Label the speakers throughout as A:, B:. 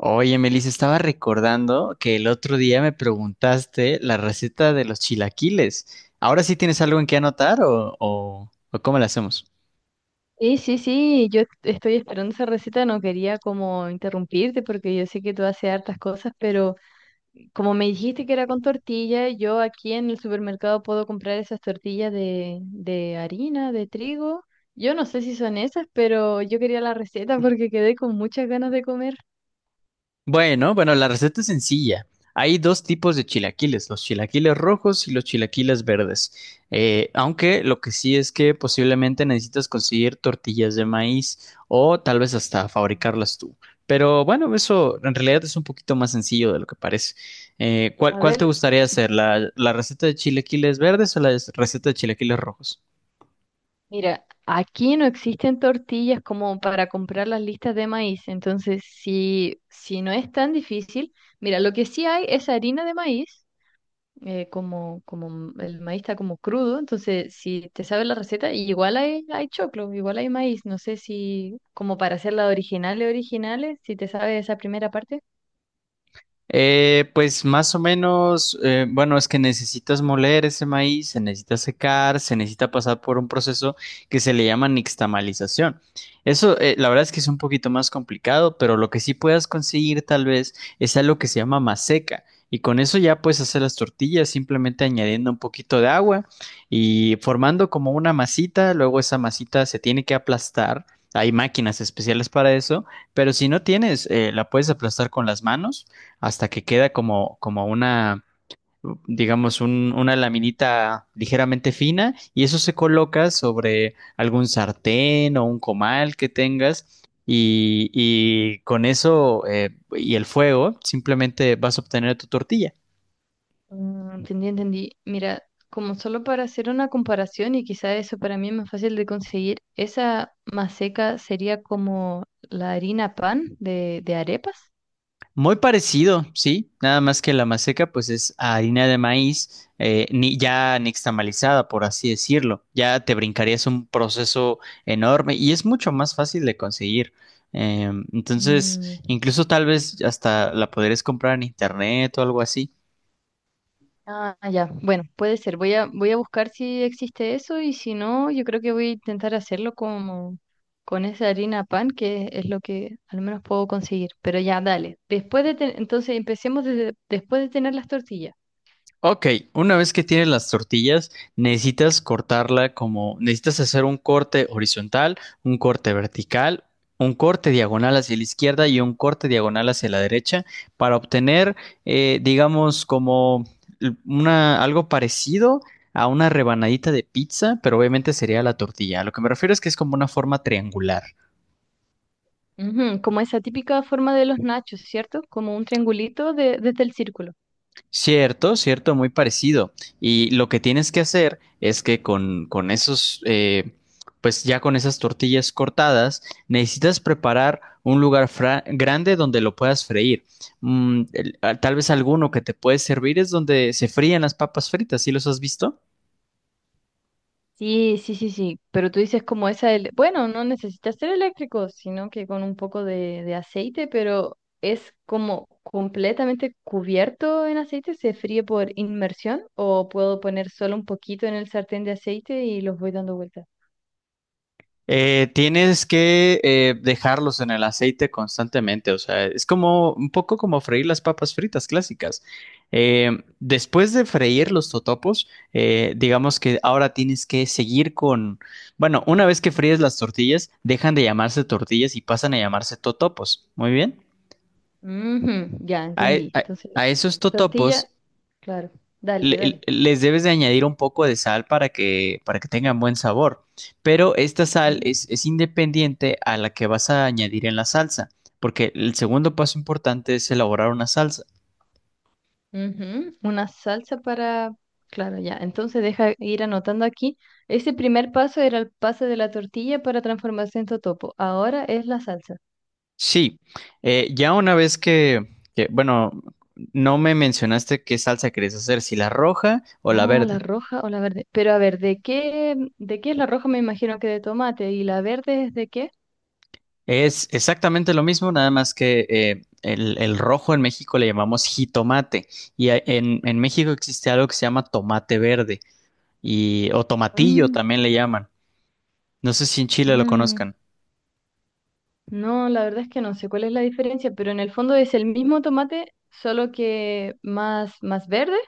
A: Oye, Melissa, estaba recordando que el otro día me preguntaste la receta de los chilaquiles. ¿Ahora sí tienes algo en qué anotar o cómo la hacemos?
B: Sí, sí, sí, yo estoy esperando esa receta, no quería como interrumpirte porque yo sé que tú haces hartas cosas, pero como me dijiste que era con tortilla, yo aquí en el supermercado puedo comprar esas tortillas de harina, de trigo. Yo no sé si son esas, pero yo quería la receta porque quedé con muchas ganas de comer.
A: Bueno, la receta es sencilla. Hay dos tipos de chilaquiles, los chilaquiles rojos y los chilaquiles verdes. Aunque lo que sí es que posiblemente necesitas conseguir tortillas de maíz o tal vez hasta
B: Mm.
A: fabricarlas tú. Pero bueno, eso en realidad es un poquito más sencillo de lo que parece. Eh, ¿cuál,
B: A
A: cuál te
B: ver,
A: gustaría hacer? ¿La receta de chilaquiles verdes o la receta de chilaquiles rojos?
B: mira, aquí no existen tortillas como para comprar las listas de maíz, entonces si no es tan difícil, mira, lo que sí hay es harina de maíz. Como, como el maíz está como crudo, entonces si te sabes la receta, y igual hay, hay choclo, igual hay maíz, no sé si como para hacerla originales, originales, si te sabes esa primera parte.
A: Pues más o menos, bueno, es que necesitas moler ese maíz, se necesita secar, se necesita pasar por un proceso que se le llama nixtamalización. Eso, la verdad es que es un poquito más complicado, pero lo que sí puedas conseguir tal vez es algo que se llama maseca. Y con eso ya puedes hacer las tortillas simplemente añadiendo un poquito de agua y formando como una masita. Luego esa masita se tiene que aplastar. Hay máquinas especiales para eso, pero si no tienes, la puedes aplastar con las manos hasta que queda como una, digamos, una laminita ligeramente fina y eso se coloca sobre algún sartén o un comal que tengas y con eso y el fuego simplemente vas a obtener tu tortilla.
B: Mm. Entendí, entendí. Mira, como solo para hacer una comparación y quizá eso para mí es más fácil de conseguir, esa maseca sería como la harina pan de arepas.
A: Muy parecido, sí, nada más que la maseca pues es harina de maíz ni, ya nixtamalizada, por así decirlo. Ya te brincarías un proceso enorme y es mucho más fácil de conseguir. Entonces,
B: Mm.
A: incluso tal vez hasta la podrías comprar en internet o algo así.
B: Ah, ya. Bueno, puede ser. Voy a buscar si existe eso y si no, yo creo que voy a intentar hacerlo como con esa harina pan, que es lo que al menos puedo conseguir. Pero ya, dale. Entonces empecemos desde, después de tener las tortillas.
A: Ok, una vez que tienes las tortillas, necesitas cortarla como, necesitas hacer un corte horizontal, un corte vertical, un corte diagonal hacia la izquierda y un corte diagonal hacia la derecha para obtener, digamos, como algo parecido a una rebanadita de pizza, pero obviamente sería la tortilla. A lo que me refiero es que es como una forma triangular.
B: Ujú, como esa típica forma de los nachos, ¿cierto? Como un triangulito desde el círculo.
A: Cierto, cierto, muy parecido. Y lo que tienes que hacer es que con esos, pues ya con esas tortillas cortadas, necesitas preparar un lugar grande donde lo puedas freír. Mm, tal vez alguno que te puede servir es donde se fríen las papas fritas, ¿sí los has visto?
B: Sí, sí, sí, sí, pero tú dices como esa, bueno, no necesitas ser eléctrico, sino que con un poco de aceite, pero es como completamente cubierto en aceite, se fríe por inmersión o puedo poner solo un poquito en el sartén de aceite y los voy dando vueltas.
A: Tienes que dejarlos en el aceite constantemente, o sea, es como un poco como freír las papas fritas clásicas. Eh, Después de freír los totopos, digamos que ahora tienes que seguir bueno, una vez que fríes las tortillas, dejan de llamarse tortillas y pasan a llamarse totopos. Muy bien.
B: Ujú, ya,
A: A, e-
B: entendí.
A: a-
B: Entonces,
A: a esos totopos
B: tortilla, claro, dale, dale.
A: les debes de añadir un poco de sal para para que tengan buen sabor. Pero esta sal
B: Ujú.
A: es independiente a la que vas a añadir en la salsa, porque el segundo paso importante es elaborar una salsa.
B: Ujú. Una salsa para... Claro, ya. Entonces deja ir anotando aquí. Ese primer paso era el pase de la tortilla para transformarse en totopo. Ahora es la salsa.
A: Sí, ya una vez que, bueno, no me mencionaste qué salsa querías hacer, si la roja o la
B: Ah, la
A: verde.
B: roja o la verde. Pero a ver, de qué es la roja? Me imagino que de tomate. ¿Y la verde es de qué?
A: Es exactamente lo mismo, nada más que el rojo en México le llamamos jitomate y en en México existe algo que se llama tomate verde. Y o tomatillo
B: Mm.
A: también le llaman. No sé si en Chile lo
B: Mm.
A: conozcan.
B: No, la verdad es que no sé cuál es la diferencia, pero en el fondo es el mismo tomate, solo que más, más verde,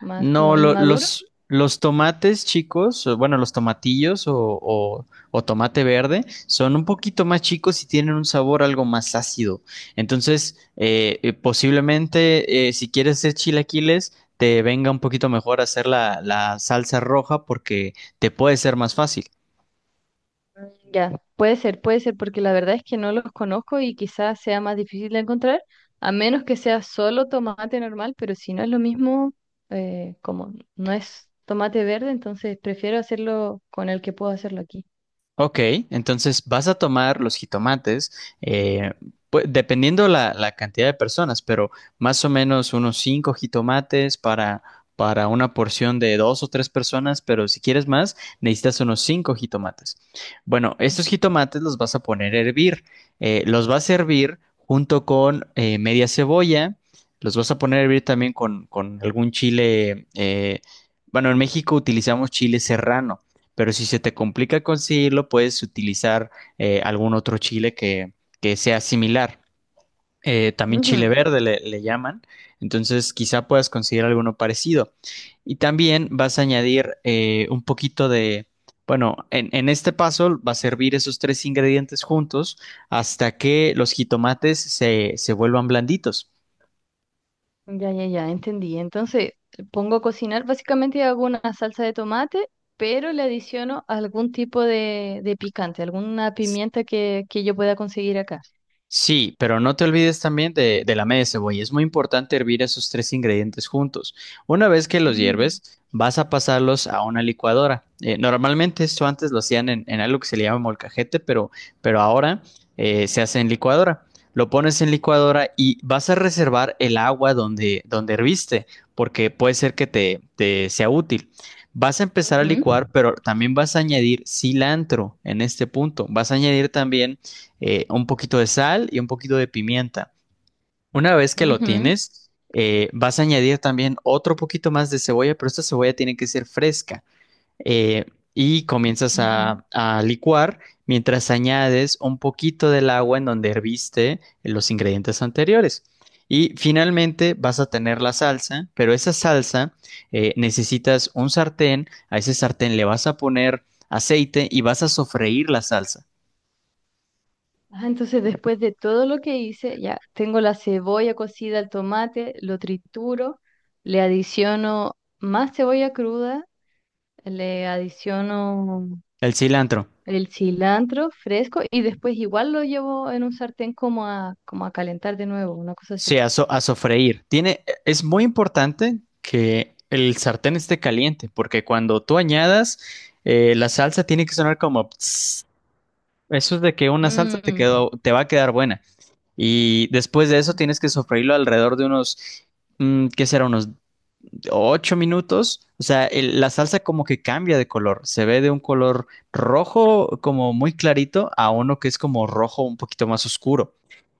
B: más
A: No,
B: como inmaduro.
A: los tomates chicos, o bueno, los tomatillos o- o tomate verde son un poquito más chicos y tienen un sabor algo más ácido. Entonces, posiblemente si quieres hacer chilaquiles, te venga un poquito mejor hacer la salsa roja porque te puede ser más fácil.
B: Ya, puede ser, porque la verdad es que no los conozco y quizás sea más difícil de encontrar, a menos que sea solo tomate normal, pero si no es lo mismo, como no es tomate verde, entonces prefiero hacerlo con el que puedo hacerlo aquí.
A: Ok, entonces vas a tomar los jitomates, eh, dependiendo la cantidad de personas, pero más o menos unos cinco jitomates para una porción de dos o tres personas, pero si quieres más, necesitas unos cinco jitomates. Bueno, estos jitomates los vas a poner a hervir, los vas a hervir junto con media cebolla, los vas a poner a hervir también con algún chile, bueno, en México utilizamos chile serrano. Pero si se te complica conseguirlo, puedes utilizar algún otro chile que sea similar. También chile
B: Ujú.
A: verde le llaman. Entonces, quizá puedas conseguir alguno parecido. Y también vas a añadir un poquito de, bueno, en este paso va a servir esos tres ingredientes juntos hasta que los jitomates se vuelvan blanditos.
B: Ya, ya, ya, entendí. Entonces, pongo a cocinar básicamente hago una salsa de tomate, pero le adiciono algún tipo de picante, alguna pimienta que yo pueda conseguir acá.
A: Sí, pero no te olvides también de la media cebolla. Es muy importante hervir esos tres ingredientes juntos. Una vez que los
B: Mm,
A: hierves, vas a pasarlos a una licuadora. Normalmente esto antes lo hacían en algo que se le llama molcajete, pero ahora se hace en licuadora. Lo pones en licuadora y vas a reservar el agua donde herviste, porque puede ser que te sea útil. Vas a empezar a
B: ujú,
A: licuar, pero también vas a añadir cilantro en este punto. Vas a añadir también un poquito de sal y un poquito de pimienta. Una vez que lo
B: ujú,
A: tienes, vas a añadir también otro poquito más de cebolla, pero esta cebolla tiene que ser fresca. Eh, y comienzas
B: ujú.
A: a licuar mientras añades un poquito del agua en donde herviste los ingredientes anteriores. Y finalmente vas a tener la salsa, pero esa salsa necesitas un sartén, a ese sartén le vas a poner aceite y vas a sofreír la salsa.
B: Ah, entonces después de todo lo que hice, ya tengo la cebolla cocida, el tomate, lo trituro, le adiciono más cebolla cruda, le adiciono
A: El cilantro.
B: el cilantro fresco y después igual lo llevo en un sartén como a, como a calentar de nuevo, una cosa así.
A: Sí, a sofreír. Es muy importante que el sartén esté caliente, porque cuando tú añadas, la salsa tiene que sonar como "Ps". Eso es de que una salsa te
B: Mm,
A: te va a quedar buena. Y después de eso tienes que sofreírlo alrededor de unos, mm, ¿qué será? Unos 8 minutos, o sea, la salsa como que cambia de color, se ve de un color rojo como muy clarito a uno que es como rojo un poquito más oscuro.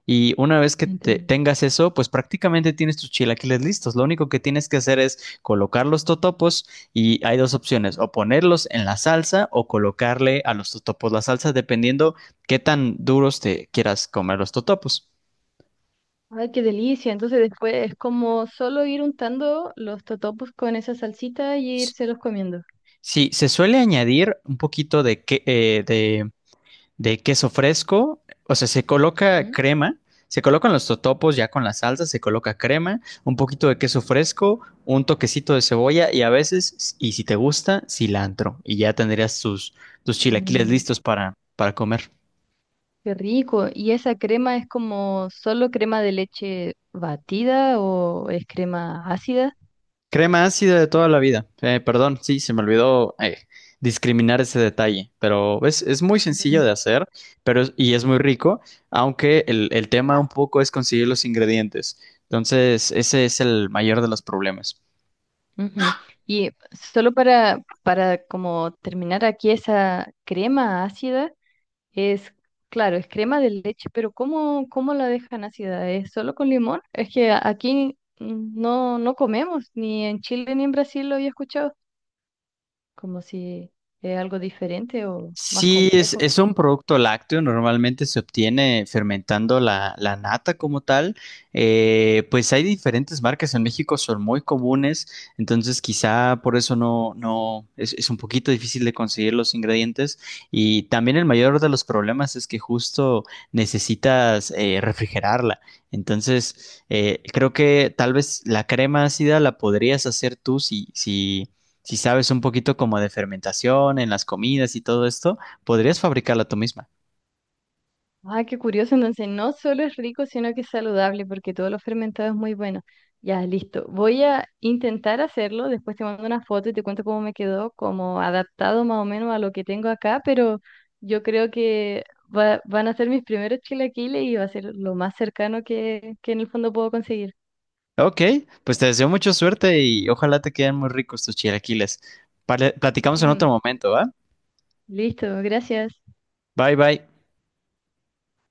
A: Y una vez que
B: entendí.
A: tengas eso, pues prácticamente tienes tus chilaquiles listos. Lo único que tienes que hacer es colocar los totopos y hay dos opciones, o ponerlos en la salsa o colocarle a los totopos la salsa, dependiendo qué tan duros te quieras comer los totopos.
B: Ay, qué delicia. Entonces después es como solo ir untando los totopos con esa salsita y irselos comiendo.
A: Sí, se suele añadir un poquito de de queso fresco, o sea, se coloca
B: Ujú.
A: crema, se colocan los totopos ya con la salsa, se coloca crema, un poquito de queso fresco, un toquecito de cebolla y a veces, y si te gusta, cilantro. Y ya tendrías tus, tus chilaquiles
B: Mm.
A: listos para comer.
B: Qué rico. ¿Y esa crema es como solo crema de leche batida o es crema ácida?
A: Crema ácida de toda la vida. Perdón, sí, se me olvidó discriminar ese detalle, pero es muy sencillo
B: Mm,
A: de hacer pero y es muy rico, aunque el tema un poco es conseguir los ingredientes. Entonces, ese es el mayor de los problemas.
B: ujú. Y solo para como terminar aquí, esa crema ácida es, claro, es crema de leche, pero ¿cómo, cómo la dejan ácida? ¿Es solo con limón? Es que aquí no, no comemos, ni en Chile ni en Brasil lo había escuchado, como si es algo diferente o más
A: Sí,
B: complejo.
A: es un producto lácteo, normalmente se obtiene fermentando la nata como tal. Pues hay diferentes marcas en México, son muy comunes, entonces quizá por eso no, no, es un poquito difícil de conseguir los ingredientes. Y también el mayor de los problemas es que justo necesitas refrigerarla. Entonces, creo que tal vez la crema ácida la podrías hacer tú si si sabes un poquito como de fermentación en las comidas y todo esto, podrías fabricarla tú misma.
B: Ay, qué curioso. Entonces, no solo es rico, sino que es saludable, porque todo lo fermentado es muy bueno. Ya, listo. Voy a intentar hacerlo. Después te mando una foto y te cuento cómo me quedó, como adaptado más o menos a lo que tengo acá, pero yo creo que van a ser mis primeros chilaquiles y va a ser lo más cercano que en el fondo puedo conseguir.
A: Ok, pues te deseo mucha suerte y ojalá te queden muy ricos tus chilaquiles. Platicamos en otro
B: Ujú.
A: momento, ¿va?
B: Listo, gracias.
A: Bye bye.